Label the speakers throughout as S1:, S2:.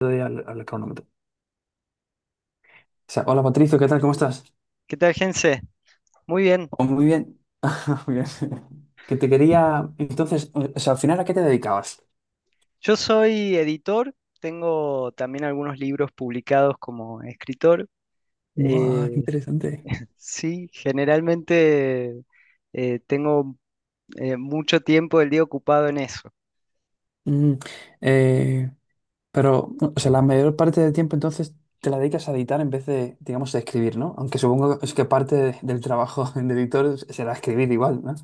S1: Doy al, al cronómetro. O sea, hola Patricio, ¿qué tal? ¿Cómo estás?
S2: ¿Qué tal, Gense? Muy bien.
S1: Oh, muy bien. Muy bien. Que te quería. Entonces, o sea, al final, ¿a qué te dedicabas?
S2: Yo soy editor, tengo también algunos libros publicados como escritor.
S1: Guau, qué
S2: Eh,
S1: interesante.
S2: sí, generalmente tengo mucho tiempo del día ocupado en eso.
S1: Mm, eh, pero, o sea, la mayor parte del tiempo entonces te la dedicas a editar en vez de, digamos, de escribir, ¿no? Aunque supongo es que del trabajo de editor será escribir igual, ¿no?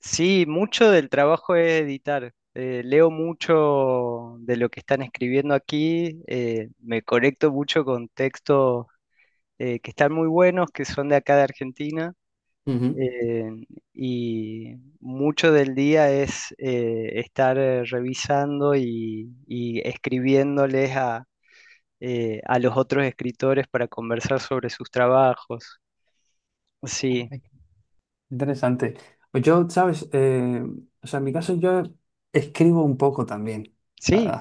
S2: Sí, mucho del trabajo es editar. Leo mucho de lo que están escribiendo aquí, me conecto mucho con textos que están muy buenos, que son de acá de Argentina.
S1: Ujú.
S2: eh, y mucho del día es estar revisando y escribiéndoles a los otros escritores para conversar sobre sus trabajos. Sí,
S1: Ay, qué interesante. Pues yo, ¿sabes? O sea, en mi caso yo escribo un poco también.
S2: sí.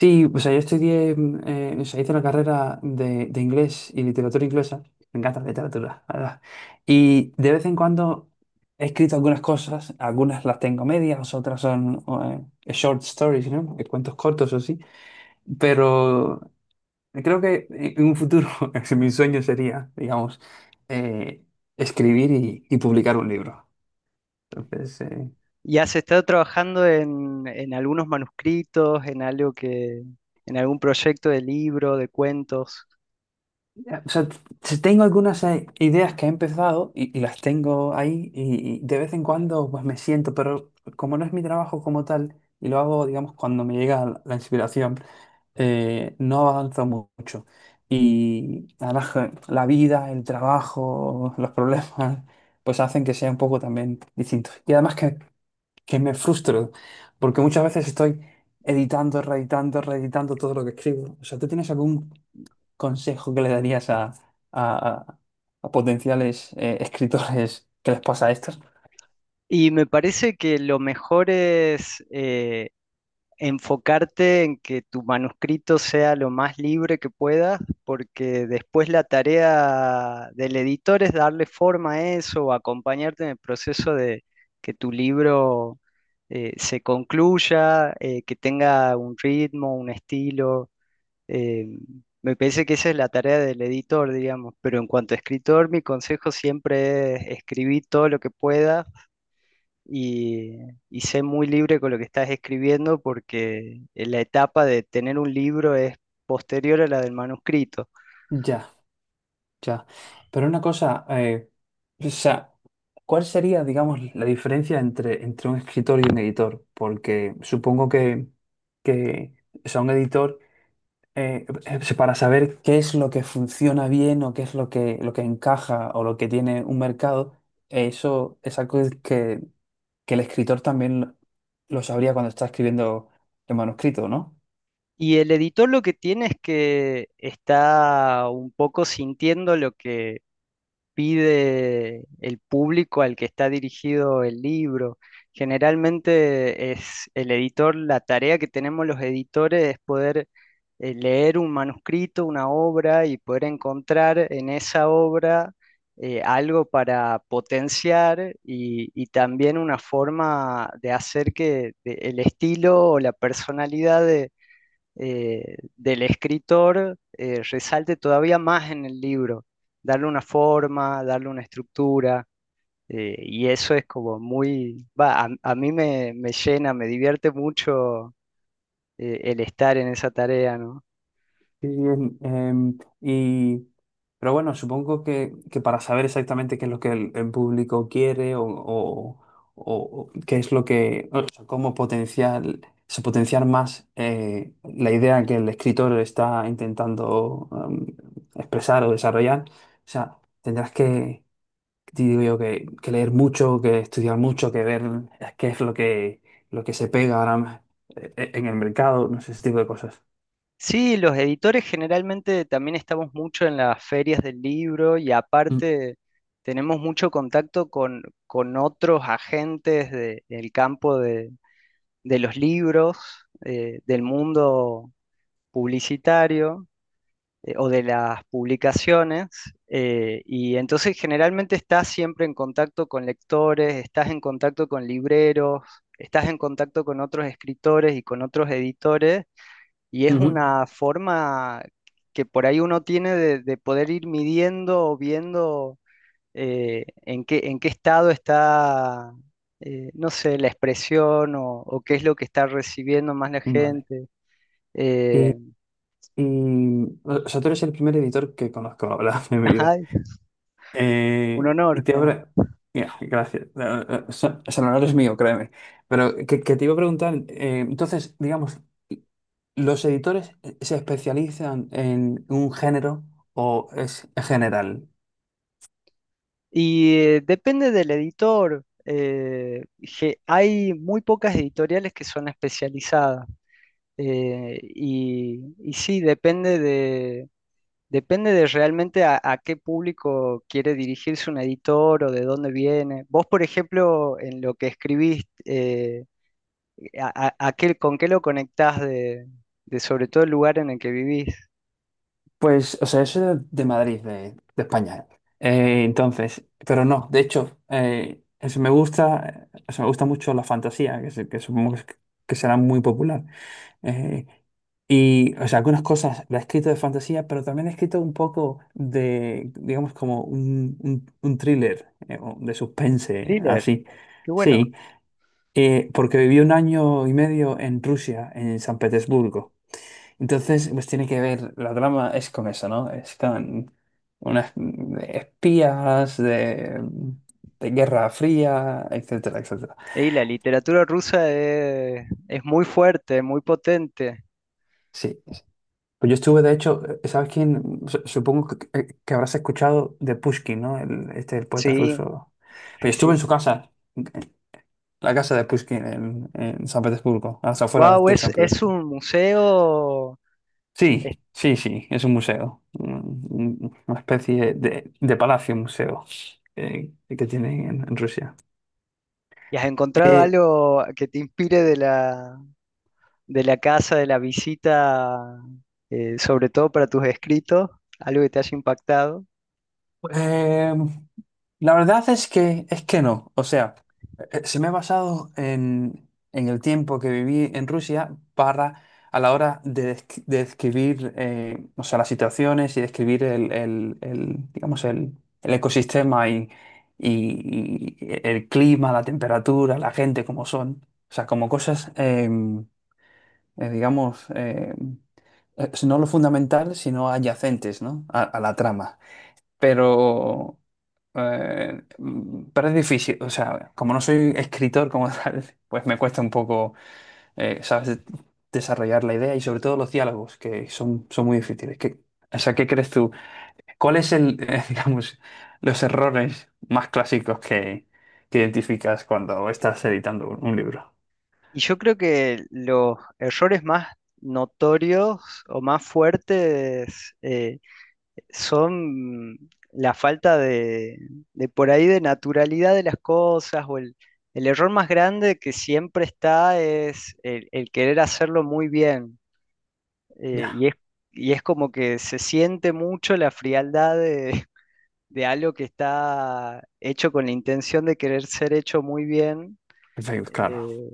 S1: Sí, o sea, yo estudié, o sea, hice la carrera de inglés y literatura inglesa. Me encanta la literatura, la verdad. Y de vez en cuando he escrito algunas cosas, algunas las tengo medias, otras son short stories, ¿no? Cuentos cortos o sí. Pero creo que en un futuro, mi sueño sería, digamos, eh, escribir y publicar un libro. Entonces, eh,
S2: Y has estado trabajando en algunos manuscritos, en algo en algún proyecto de libro, de cuentos.
S1: O sea, t- tengo algunas ideas que he empezado y las tengo ahí y de vez en cuando pues me siento, pero como no es mi trabajo como tal y lo hago, digamos, cuando me llega la inspiración, no avanzo mucho. Y ahora la vida, el trabajo, los problemas, pues hacen que sea un poco también distinto. Y además que me frustro, porque muchas veces estoy editando, reeditando, reeditando todo lo que escribo. O sea, ¿tú tienes algún consejo que le darías a, a- a potenciales escritores que les pasa a estos?
S2: Y me parece que lo mejor es enfocarte en que tu manuscrito sea lo más libre que puedas, porque después la tarea del editor es darle forma a eso, o acompañarte en el proceso de que tu libro se concluya, que tenga un ritmo, un estilo. eh, Me parece que esa es la tarea del editor, digamos, pero en cuanto a escritor, mi consejo siempre es escribir todo lo que puedas y, y sé muy libre con lo que estás escribiendo porque la etapa de tener un libro es posterior a la del manuscrito.
S1: Ya, ya. Pero una cosa, o sea, ¿cuál sería, digamos, la diferencia entre, entre un escritor y un editor? Porque supongo que o sea, un editor, es para saber qué es lo que funciona bien o qué es lo que encaja o lo que tiene un mercado, eso es algo que el escritor también lo sabría cuando está escribiendo el manuscrito, ¿no?
S2: Y el editor lo que tiene es que está un poco sintiendo lo que pide el público al que está dirigido el libro. Generalmente es el editor, la tarea que tenemos los editores es poder leer un manuscrito, una obra y poder encontrar en esa obra algo para potenciar y también una forma de hacer que el estilo o la personalidad de del escritor resalte todavía más en el libro, darle una forma, darle una estructura, y eso es como muy, va, a mí me llena, me divierte mucho el estar en esa tarea, ¿no?
S1: Sí, y, pero bueno, supongo que para saber exactamente qué es lo que el público quiere o, o qué es lo que, o sea, cómo potenciar, se potenciar más la idea que el escritor está intentando expresar o desarrollar, o sea, tendrás que digo yo que leer mucho, que estudiar mucho, que ver qué es lo que se pega ahora en el mercado, no sé, ese tipo de cosas.
S2: Sí, los editores generalmente también estamos mucho en las ferias del libro y
S1: Mm,
S2: aparte tenemos mucho contacto con otros agentes del campo de los libros, del mundo publicitario o de las publicaciones y entonces generalmente estás siempre en contacto con lectores, estás en contacto con libreros, estás en contacto con otros escritores y con otros editores y es
S1: ujú.
S2: una forma que por ahí uno tiene de poder ir midiendo o viendo en qué estado está, no sé, la expresión o qué es lo que está recibiendo más la
S1: Vale.
S2: gente.
S1: Y,
S2: Eh,
S1: y, o sea, tú eres el primer editor que conozco, la verdad, en mi vida.
S2: ay, un
S1: Y
S2: honor.
S1: te
S2: ¿No?
S1: habrá... Mira, gracias. O sea, no eres mío, créeme. Pero que te iba a preguntar, entonces, digamos, ¿los editores se especializan en un género o es general?
S2: Y depende del editor. Hay muy pocas editoriales que son especializadas. Y, y sí, depende de realmente a qué público quiere dirigirse un editor o de dónde viene. Vos, por ejemplo, en lo que escribís, a qué, ¿con qué lo conectás de sobre todo el lugar en el que vivís?
S1: Pues, o sea, yo soy de Madrid, de España. Entonces, pero no, de hecho, me gusta, o sea, me gusta mucho la fantasía, que, que supongo que será muy popular. Eh, y, o sea, algunas cosas la he escrito de fantasía, pero también he escrito un poco de, digamos, como un thriller, o de suspense,
S2: Thriller,
S1: así.
S2: qué bueno.
S1: Sí, porque viví un año y medio en Rusia, en San Petersburgo. Entonces, pues tiene que ver, la trama es con eso, ¿no? Están unas espías de Guerra Fría, etcétera, etcétera.
S2: Y la literatura rusa es muy fuerte, muy potente.
S1: Sí, sí. Pues yo estuve, de hecho, ¿sabes quién? Supongo que, que habrás escuchado de Pushkin, ¿no? El, este, el poeta
S2: Sí,
S1: ruso. Pues yo
S2: sí,
S1: estuve
S2: sí.
S1: en su casa, en la casa de Pushkin en San Petersburgo, hasta afuera
S2: Wow,
S1: de San
S2: es
S1: Petersburgo.
S2: un museo.
S1: Sí,
S2: Es-
S1: sí, sí, es un museo, una especie de palacio museo que tienen en Rusia.
S2: ¿Y has encontrado
S1: Eh,
S2: algo que te inspire de la casa, de la visita, sobre todo para tus escritos? Algo que te haya impactado.
S1: eh, La verdad es que no. O sea, se me ha basado en el tiempo que viví en Rusia para, a la hora de, de describir, o sea, las situaciones y describir el, el, digamos, el ecosistema y, y el clima, la temperatura, la gente, como son. O sea, como cosas, digamos, no lo fundamental, sino adyacentes, ¿no? A la trama pero, pero es difícil, o sea, como no soy escritor como tal, pues me cuesta un poco, ¿sabes? Desarrollar la idea y sobre todo los diálogos, que son, son muy difíciles. ¿Qué, o sea, ¿qué crees tú? ¿Cuál es el, digamos, los errores más clásicos que identificas cuando estás editando un libro?
S2: Y yo creo que los errores más notorios o más fuertes son la falta de por ahí de naturalidad de las cosas o el error más grande que siempre está es el querer hacerlo muy bien. eh, y
S1: Ya,
S2: es, y es como que se siente mucho la frialdad de, de algo que está hecho con la intención de querer ser hecho muy bien.
S1: perfecto, claro.
S2: eh,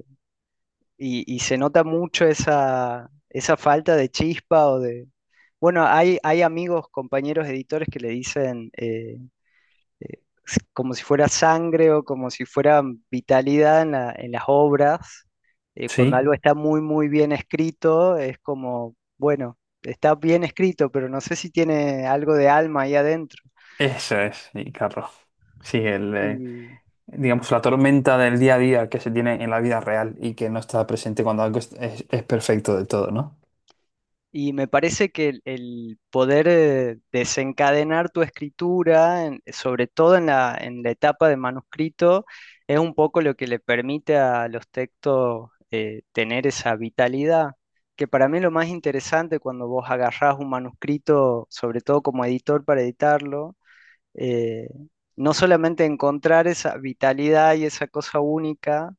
S2: y, y se nota mucho esa, esa falta de chispa o de... Bueno, hay amigos, compañeros editores que le dicen como si fuera sangre o como si fuera vitalidad en en las obras. Cuando
S1: Sí,
S2: algo está muy, muy bien escrito, es como, bueno, está bien escrito, pero no sé si tiene algo de alma ahí adentro.
S1: eso es, y claro. Sí, el, digamos, la tormenta del día a día que se tiene en la vida real y que no está presente cuando algo es, es perfecto de todo, ¿no?
S2: Y me parece que el poder desencadenar tu escritura, sobre todo en la etapa de manuscrito, es un poco lo que le permite a los textos tener esa vitalidad, que para mí es lo más interesante cuando vos agarrás un manuscrito, sobre todo como editor para editarlo, eh, no solamente encontrar esa vitalidad y esa cosa única,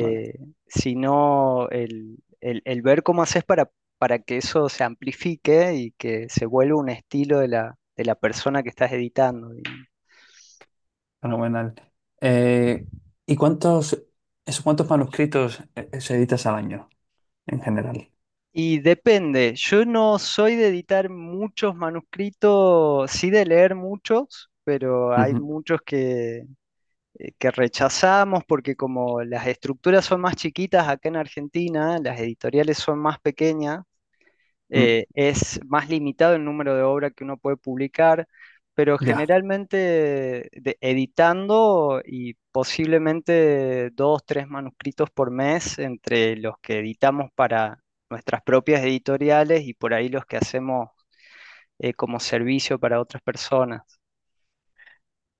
S1: Vale,
S2: sino el, el ver cómo haces para que eso se amplifique y que se vuelva un estilo de la persona que estás editando, digamos.
S1: fenomenal. Eh, ¿Y cuántos, esos cuántos manuscritos se editas al año en general?
S2: Y depende, yo no soy de editar muchos manuscritos, sí de leer muchos, pero hay
S1: Ujú.
S2: muchos que rechazamos porque como las estructuras son más chiquitas acá en Argentina, las editoriales son más pequeñas,
S1: mm,
S2: es más limitado el número de obras que uno puede publicar, pero
S1: Ya,
S2: generalmente editando y posiblemente dos, tres manuscritos por mes entre los que editamos para nuestras propias editoriales y por ahí los que hacemos como servicio para otras personas.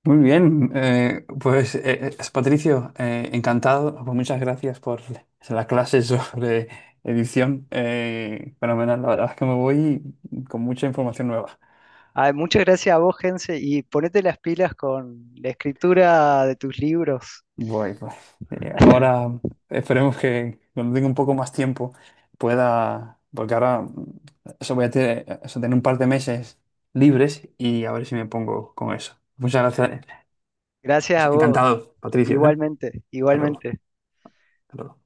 S1: muy bien. Patricio, encantado. Pues muchas gracias por la clase sobre edición. Fenomenal, la verdad es que me voy con mucha información nueva.
S2: Ay, muchas gracias a vos, Gense, y ponete las pilas con la escritura de tus libros.
S1: Voy, pues. Ahora esperemos que cuando tenga un poco más tiempo pueda, porque ahora eso voy a tener, eso, tener un par de meses libres y a ver si me pongo con eso. Muchas gracias.
S2: Gracias a vos,
S1: Encantado, Patricio, ¿eh?
S2: igualmente,
S1: Hasta luego.
S2: igualmente.
S1: Hasta luego.